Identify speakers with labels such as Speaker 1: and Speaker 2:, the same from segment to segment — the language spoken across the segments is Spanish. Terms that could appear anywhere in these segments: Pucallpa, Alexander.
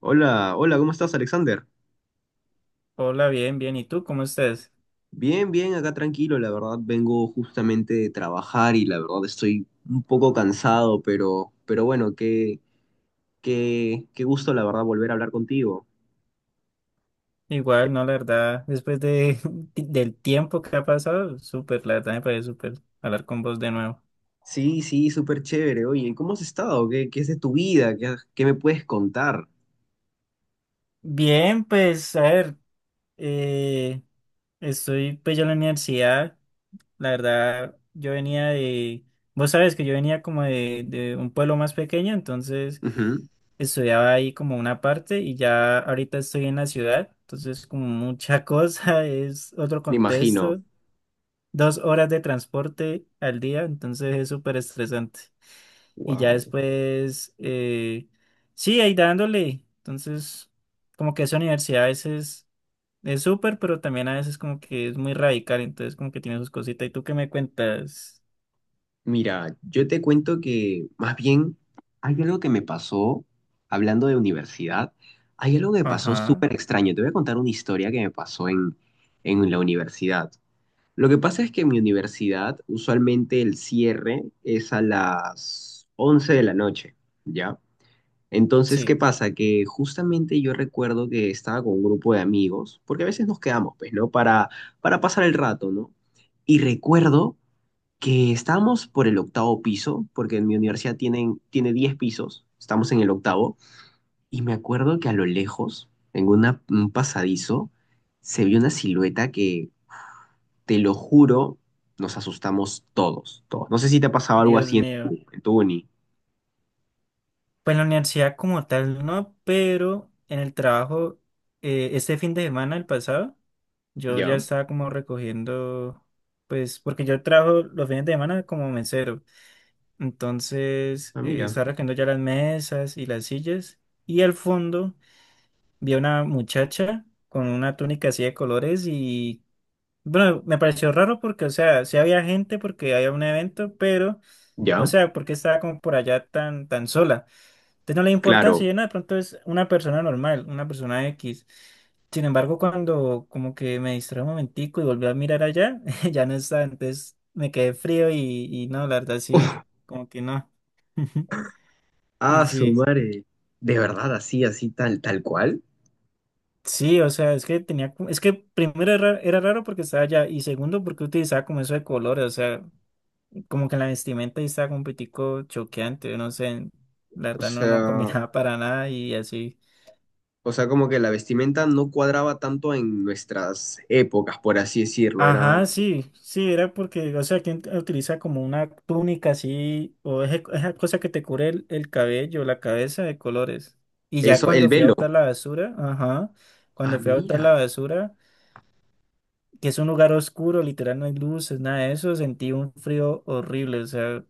Speaker 1: Hola, hola, ¿cómo estás, Alexander?
Speaker 2: Hola, bien, bien. ¿Y tú cómo estás?
Speaker 1: Bien, bien, acá tranquilo, la verdad vengo justamente de trabajar y la verdad estoy un poco cansado, pero bueno, qué gusto, la verdad, volver a hablar contigo.
Speaker 2: Igual, no, la verdad, después de, del tiempo que ha pasado, súper, la verdad me parece súper hablar con vos de nuevo.
Speaker 1: Sí, sí, súper chévere. Oye, ¿cómo has estado? ¿Qué es de tu vida? ¿Qué me puedes contar?
Speaker 2: Bien, pues, a ver, eh, estoy pues ya en la universidad, la verdad, yo venía de, vos sabes que yo venía como de un pueblo más pequeño, entonces
Speaker 1: Ujú.
Speaker 2: estudiaba ahí como una parte y ya ahorita estoy en la ciudad, entonces como mucha cosa, es otro
Speaker 1: Me imagino.
Speaker 2: contexto. 2 horas de transporte al día, entonces es súper estresante. Y ya
Speaker 1: Wow.
Speaker 2: después, sí, ahí dándole. Entonces, como que esa universidad a veces es súper, pero también a veces como que es muy radical, entonces como que tiene sus cositas. ¿Y tú qué me cuentas?
Speaker 1: Mira, yo te cuento que más bien hay algo que me pasó, hablando de universidad, hay algo que me pasó
Speaker 2: Ajá,
Speaker 1: súper extraño. Te voy a contar una historia que me pasó en la universidad. Lo que pasa es que en mi universidad usualmente el cierre es a las 11 de la noche, ¿ya? Entonces, ¿qué
Speaker 2: sí,
Speaker 1: pasa? Que justamente yo recuerdo que estaba con un grupo de amigos, porque a veces nos quedamos, pues, ¿no? Para pasar el rato, ¿no? Y recuerdo que estamos por el 8.º piso, porque en mi universidad tiene 10 pisos, estamos en el 8.º, y me acuerdo que a lo lejos, un pasadizo, se vio una silueta que, te lo juro, nos asustamos todos, todos. No sé si te ha pasado algo
Speaker 2: Dios
Speaker 1: así en
Speaker 2: mío.
Speaker 1: en tu uni.
Speaker 2: Pues en la universidad como tal no, pero en el trabajo, este fin de semana, el pasado, yo ya
Speaker 1: Ya.
Speaker 2: estaba como recogiendo, pues porque yo trabajo los fines de semana como mesero, entonces
Speaker 1: Ah, mira.
Speaker 2: estaba recogiendo ya las mesas y las sillas y al fondo vi a una muchacha con una túnica así de colores y bueno, me pareció raro porque, o sea, sí había gente porque había un evento, pero, o
Speaker 1: Ya,
Speaker 2: sea, porque estaba como por allá tan sola. Entonces no le da importancia,
Speaker 1: claro.
Speaker 2: yo no, de pronto es una persona normal, una persona X. Sin embargo, cuando como que me distraí un momentico y volví a mirar allá, ya no está. Entonces me quedé frío y no, la verdad sí, como que no. Y
Speaker 1: Ah, su
Speaker 2: sí,
Speaker 1: madre. De verdad, así, así, tal, tal cual.
Speaker 2: sí, o sea, es que tenía, como— es que primero era raro porque estaba allá y segundo porque utilizaba como eso de colores, o sea, como que en la vestimenta ahí estaba como un poquitico choqueante, no sé, la
Speaker 1: O
Speaker 2: verdad no, no
Speaker 1: sea,
Speaker 2: combinaba para nada y así.
Speaker 1: o sea, como que la vestimenta no cuadraba tanto en nuestras épocas, por así decirlo. Era...
Speaker 2: Ajá, sí, sí, era porque, o sea, quien utiliza como una túnica así, o esa cosa que te cubre el cabello, la cabeza de colores. Y ya
Speaker 1: Eso, el
Speaker 2: cuando fui a
Speaker 1: velo.
Speaker 2: botar la basura, ajá,
Speaker 1: Ah,
Speaker 2: cuando fui a botar la
Speaker 1: mira.
Speaker 2: basura, que es un lugar oscuro, literal, no hay luces, nada de eso, sentí un frío horrible, o sea,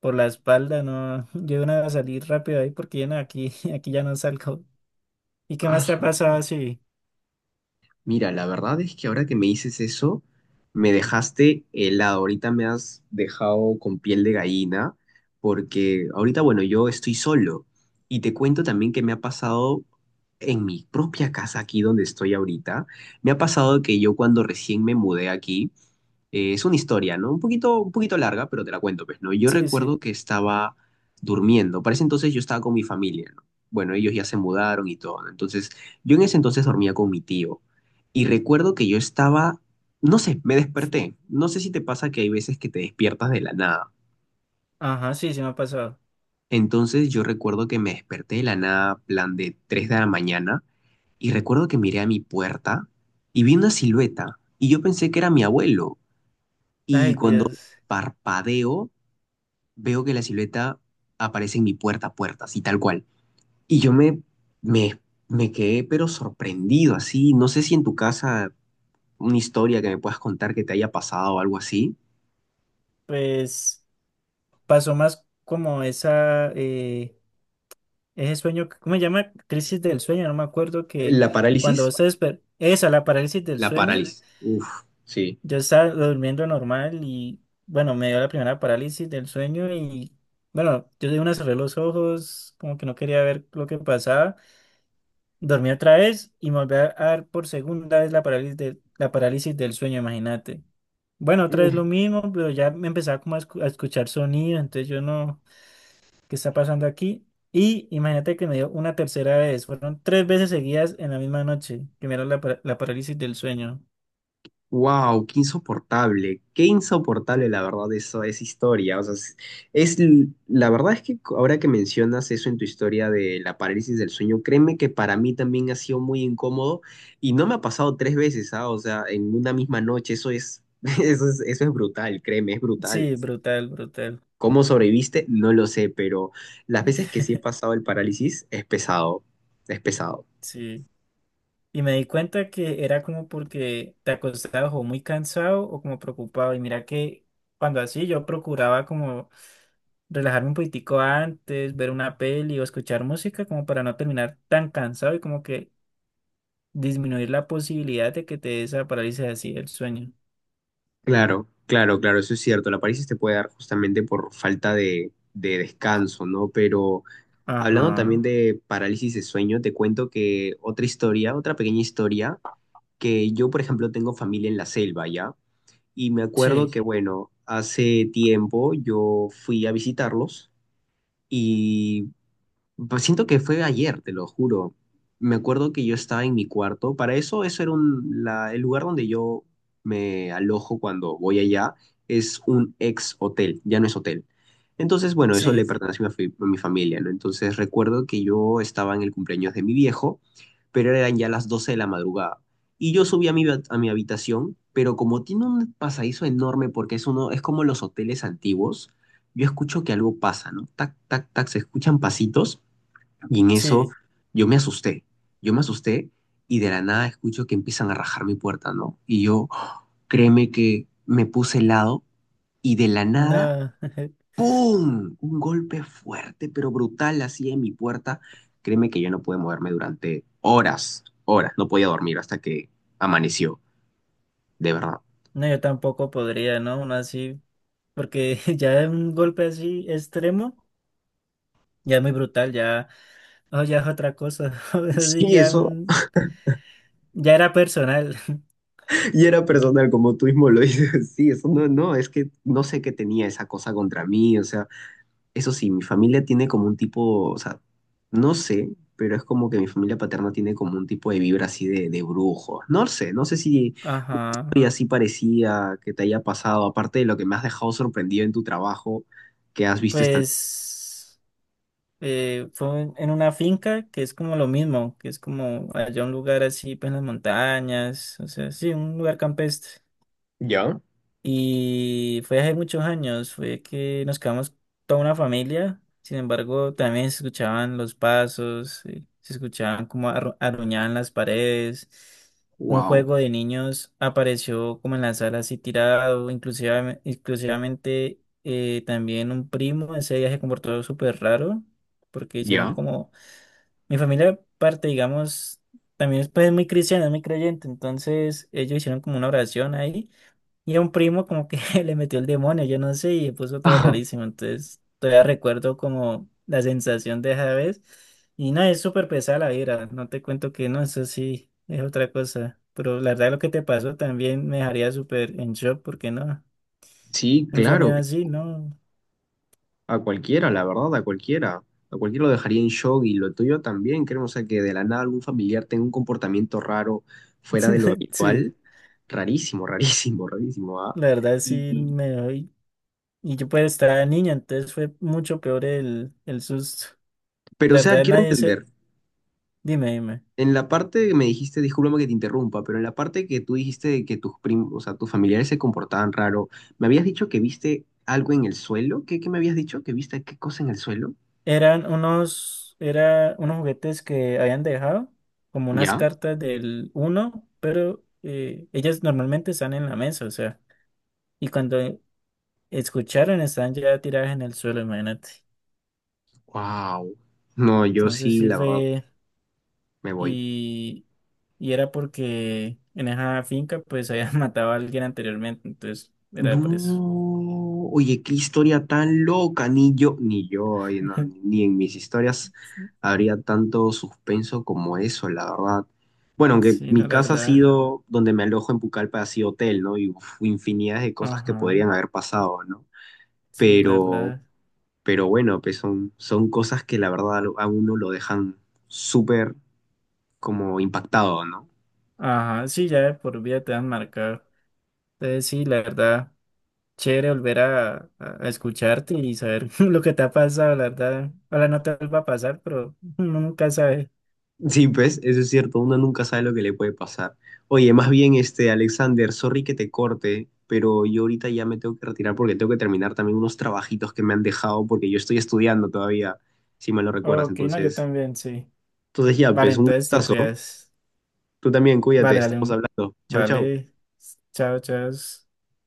Speaker 2: por la espalda, no, yo iba a salir rápido ahí porque ya no, aquí, aquí ya no salgo. ¿Y qué
Speaker 1: Ah,
Speaker 2: más te ha
Speaker 1: su
Speaker 2: pasado?
Speaker 1: madre.
Speaker 2: Sí,
Speaker 1: Mira, la verdad es que ahora que me dices eso, me dejaste helado. Ahorita me has dejado con piel de gallina, porque ahorita, bueno, yo estoy solo. Y te cuento también que me ha pasado en mi propia casa, aquí donde estoy ahorita, me ha pasado que yo cuando recién me mudé aquí... Es una historia, ¿no? Un poquito larga, pero te la cuento, pues, ¿no? Yo
Speaker 2: sí, sí,
Speaker 1: recuerdo que estaba durmiendo. Para ese entonces yo estaba con mi familia, ¿no? Bueno, ellos ya se mudaron y todo, ¿no? Entonces, yo en ese entonces dormía con mi tío. Y recuerdo que yo estaba, no sé, me desperté. No sé si te pasa que hay veces que te despiertas de la nada.
Speaker 2: ajá, sí, sí me ha pasado.
Speaker 1: Entonces, yo recuerdo que me desperté de la nada, plan de 3 de la mañana, y recuerdo que miré a mi puerta y vi una silueta. Y yo pensé que era mi abuelo. Y
Speaker 2: Ay,
Speaker 1: cuando
Speaker 2: Dios,
Speaker 1: parpadeo, veo que la silueta aparece en mi puerta a puerta, así tal cual. Y yo me, me, me quedé pero sorprendido, así. No sé si en tu casa una historia que me puedas contar que te haya pasado o algo así.
Speaker 2: pues. Pasó más como esa, ese sueño, que— ¿cómo se llama? Crisis del sueño, no me acuerdo que
Speaker 1: ¿La
Speaker 2: cuando
Speaker 1: parálisis?
Speaker 2: vos esa, la parálisis del
Speaker 1: La
Speaker 2: sueño,
Speaker 1: parálisis. Uf, sí.
Speaker 2: yo estaba durmiendo normal y bueno, me dio la primera parálisis del sueño y bueno, yo de una cerré los ojos, como que no quería ver lo que pasaba, dormí otra vez y me volví a dar por segunda vez la parálisis la parálisis del sueño, imagínate. Bueno, otra vez lo mismo, pero ya me empezaba como a escuchar sonidos, entonces yo no... que está pasando aquí? Y imagínate que me dio una tercera vez. Fueron tres veces seguidas en la misma noche. Primero la parálisis del sueño.
Speaker 1: Wow, qué insoportable la verdad eso, esa historia. O sea, la verdad es que ahora que mencionas eso en tu historia de la parálisis del sueño, créeme que para mí también ha sido muy incómodo y no me ha pasado 3 veces, ¿ah? O sea, en una misma noche, eso es, eso es brutal, créeme, es brutal.
Speaker 2: Sí, brutal, brutal.
Speaker 1: ¿Cómo sobreviviste? No lo sé, pero las veces que sí he pasado el parálisis es pesado, es pesado.
Speaker 2: Sí. Y me di cuenta que era como porque te acostabas o muy cansado o como preocupado. Y mira que cuando así yo procuraba como relajarme un poquitico antes, ver una peli o escuchar música como para no terminar tan cansado y como que disminuir la posibilidad de que te dé esa parálisis así del sueño.
Speaker 1: Claro, claro, claro, eso es cierto. La parálisis te puede dar justamente por falta de descanso, ¿no? Pero hablando también
Speaker 2: Ajá.
Speaker 1: de parálisis de sueño, te cuento que otra historia, otra pequeña historia, que yo, por ejemplo, tengo familia en la selva, ¿ya? Y me acuerdo
Speaker 2: Sí.
Speaker 1: que, bueno, hace tiempo yo fui a visitarlos y pues siento que fue ayer, te lo juro. Me acuerdo que yo estaba en mi cuarto. Para eso, eso era el lugar donde yo me alojo cuando voy allá. Es un ex hotel, ya no es hotel. Entonces, bueno, eso le
Speaker 2: Sí,
Speaker 1: pertenece a a mi familia, ¿no? Entonces recuerdo que yo estaba en el cumpleaños de mi viejo, pero eran ya las 12 de la madrugada. Y yo subí a a mi habitación, pero como tiene un pasadizo enorme, porque es uno, es como los hoteles antiguos, yo escucho que algo pasa, ¿no? Tac, tac, tac, se escuchan pasitos. Y en eso
Speaker 2: sí,
Speaker 1: yo me asusté, yo me asusté y de la nada escucho que empiezan a rajar mi puerta, ¿no? Y yo, créeme que me puse helado y de la nada,
Speaker 2: no,
Speaker 1: ¡pum! Un golpe fuerte, pero brutal, así en mi puerta. Créeme que yo no pude moverme durante horas, horas, no podía dormir hasta que amaneció, de verdad.
Speaker 2: no, yo tampoco podría, ¿no? Uno así, porque ya un golpe así extremo, ya es muy brutal, ya, oh, ya es otra cosa, así
Speaker 1: Sí,
Speaker 2: ya,
Speaker 1: eso,
Speaker 2: un— ya era personal.
Speaker 1: y era personal, como tú mismo lo dices, sí, eso no, no, es que no sé qué tenía esa cosa contra mí, o sea... Eso sí, mi familia tiene como un tipo, o sea, no sé, pero es como que mi familia paterna tiene como un tipo de vibra así de brujo. No sé, no sé si
Speaker 2: Ajá,
Speaker 1: hoy así parecía que te haya pasado, aparte de lo que me has dejado sorprendido en tu trabajo, que has visto esta...
Speaker 2: pues fue en una finca que es como lo mismo, que es como allá un lugar así, pues en las montañas, o sea, sí, un lugar campestre.
Speaker 1: ¿Ya?
Speaker 2: Y fue hace muchos años, fue que nos quedamos toda una familia. Sin embargo, también se escuchaban los pasos, se escuchaban como arruñaban las paredes. Un
Speaker 1: ¡Wow!
Speaker 2: juego de niños apareció como en la sala así tirado, inclusive, exclusivamente también un primo. Ese día se comportó súper raro porque hicieron
Speaker 1: ¿Ya?
Speaker 2: como... Mi familia parte, digamos, también es pues, muy cristiana, muy creyente. Entonces ellos hicieron como una oración ahí. Y a un primo como que le metió el demonio, yo no sé, y se puso todo rarísimo. Entonces, todavía recuerdo como la sensación de esa vez. Y no, es súper pesada la vibra. No te cuento que no, eso sí, es otra cosa. Pero la verdad lo que te pasó también me dejaría súper en shock, porque no,
Speaker 1: Sí,
Speaker 2: un
Speaker 1: claro.
Speaker 2: sonido así, no.
Speaker 1: A cualquiera, la verdad, a cualquiera. A cualquiera lo dejaría en shock y lo tuyo también, creo. O sea, que de la nada algún familiar tenga un comportamiento raro fuera de lo
Speaker 2: Sí,
Speaker 1: habitual. Rarísimo, rarísimo, rarísimo, ¿ah?
Speaker 2: la verdad
Speaker 1: Y,
Speaker 2: sí
Speaker 1: y-
Speaker 2: me doy. Y yo pues estaba niña, entonces fue mucho peor el susto.
Speaker 1: pero, o
Speaker 2: La
Speaker 1: sea,
Speaker 2: verdad
Speaker 1: quiero
Speaker 2: nadie se...
Speaker 1: entender.
Speaker 2: Dime, dime.
Speaker 1: En la parte que me dijiste, discúlpame que te interrumpa, pero en la parte que tú dijiste de que tus primos, o sea, tus familiares se comportaban raro, me habías dicho que viste algo en el suelo. ¿Qué me habías dicho? ¿Que viste qué cosa en el suelo?
Speaker 2: Era unos juguetes que habían dejado, como unas
Speaker 1: ¿Ya?
Speaker 2: cartas del uno, pero ellas normalmente están en la mesa, o sea, y cuando escucharon estaban ya tiradas en el suelo, imagínate.
Speaker 1: Wow. No, yo
Speaker 2: Entonces
Speaker 1: sí,
Speaker 2: sí
Speaker 1: la verdad,
Speaker 2: fue,
Speaker 1: me voy.
Speaker 2: y, y era porque en esa finca pues habían matado a alguien anteriormente, entonces
Speaker 1: No,
Speaker 2: era por eso.
Speaker 1: oye, qué historia tan loca, ni yo, ni yo, ay, no, ni en mis historias habría tanto suspenso como eso, la verdad. Bueno, aunque
Speaker 2: Sí, no,
Speaker 1: mi
Speaker 2: la
Speaker 1: casa ha
Speaker 2: verdad.
Speaker 1: sido, donde me alojo en Pucallpa, ha sido hotel, ¿no? Y uf, infinidad de cosas que
Speaker 2: Ajá,
Speaker 1: podrían haber pasado, ¿no?
Speaker 2: sí, la
Speaker 1: Pero,
Speaker 2: verdad.
Speaker 1: pero bueno, pues son cosas que la verdad a uno lo dejan súper como impactado, ¿no?
Speaker 2: Ajá, sí, ya de por vida te han marcado. Entonces sí, la verdad. Chévere volver a, a escucharte y saber lo que te ha pasado, la verdad. Ahora no te vuelva a pasar, pero uno nunca sabe.
Speaker 1: Sí, pues, eso es cierto, uno nunca sabe lo que le puede pasar. Oye, más bien, este, Alexander, sorry que te corte, pero yo ahorita ya me tengo que retirar porque tengo que terminar también unos trabajitos que me han dejado porque yo estoy estudiando todavía, si me lo recuerdas.
Speaker 2: Ok, no, yo
Speaker 1: Entonces,
Speaker 2: también, sí.
Speaker 1: entonces ya,
Speaker 2: Vale,
Speaker 1: pues, un
Speaker 2: entonces te
Speaker 1: gustazo.
Speaker 2: cuidas.
Speaker 1: Tú también, cuídate,
Speaker 2: Vale, dale
Speaker 1: estamos
Speaker 2: un...
Speaker 1: hablando. Chau, chau.
Speaker 2: Vale. Chao, chao.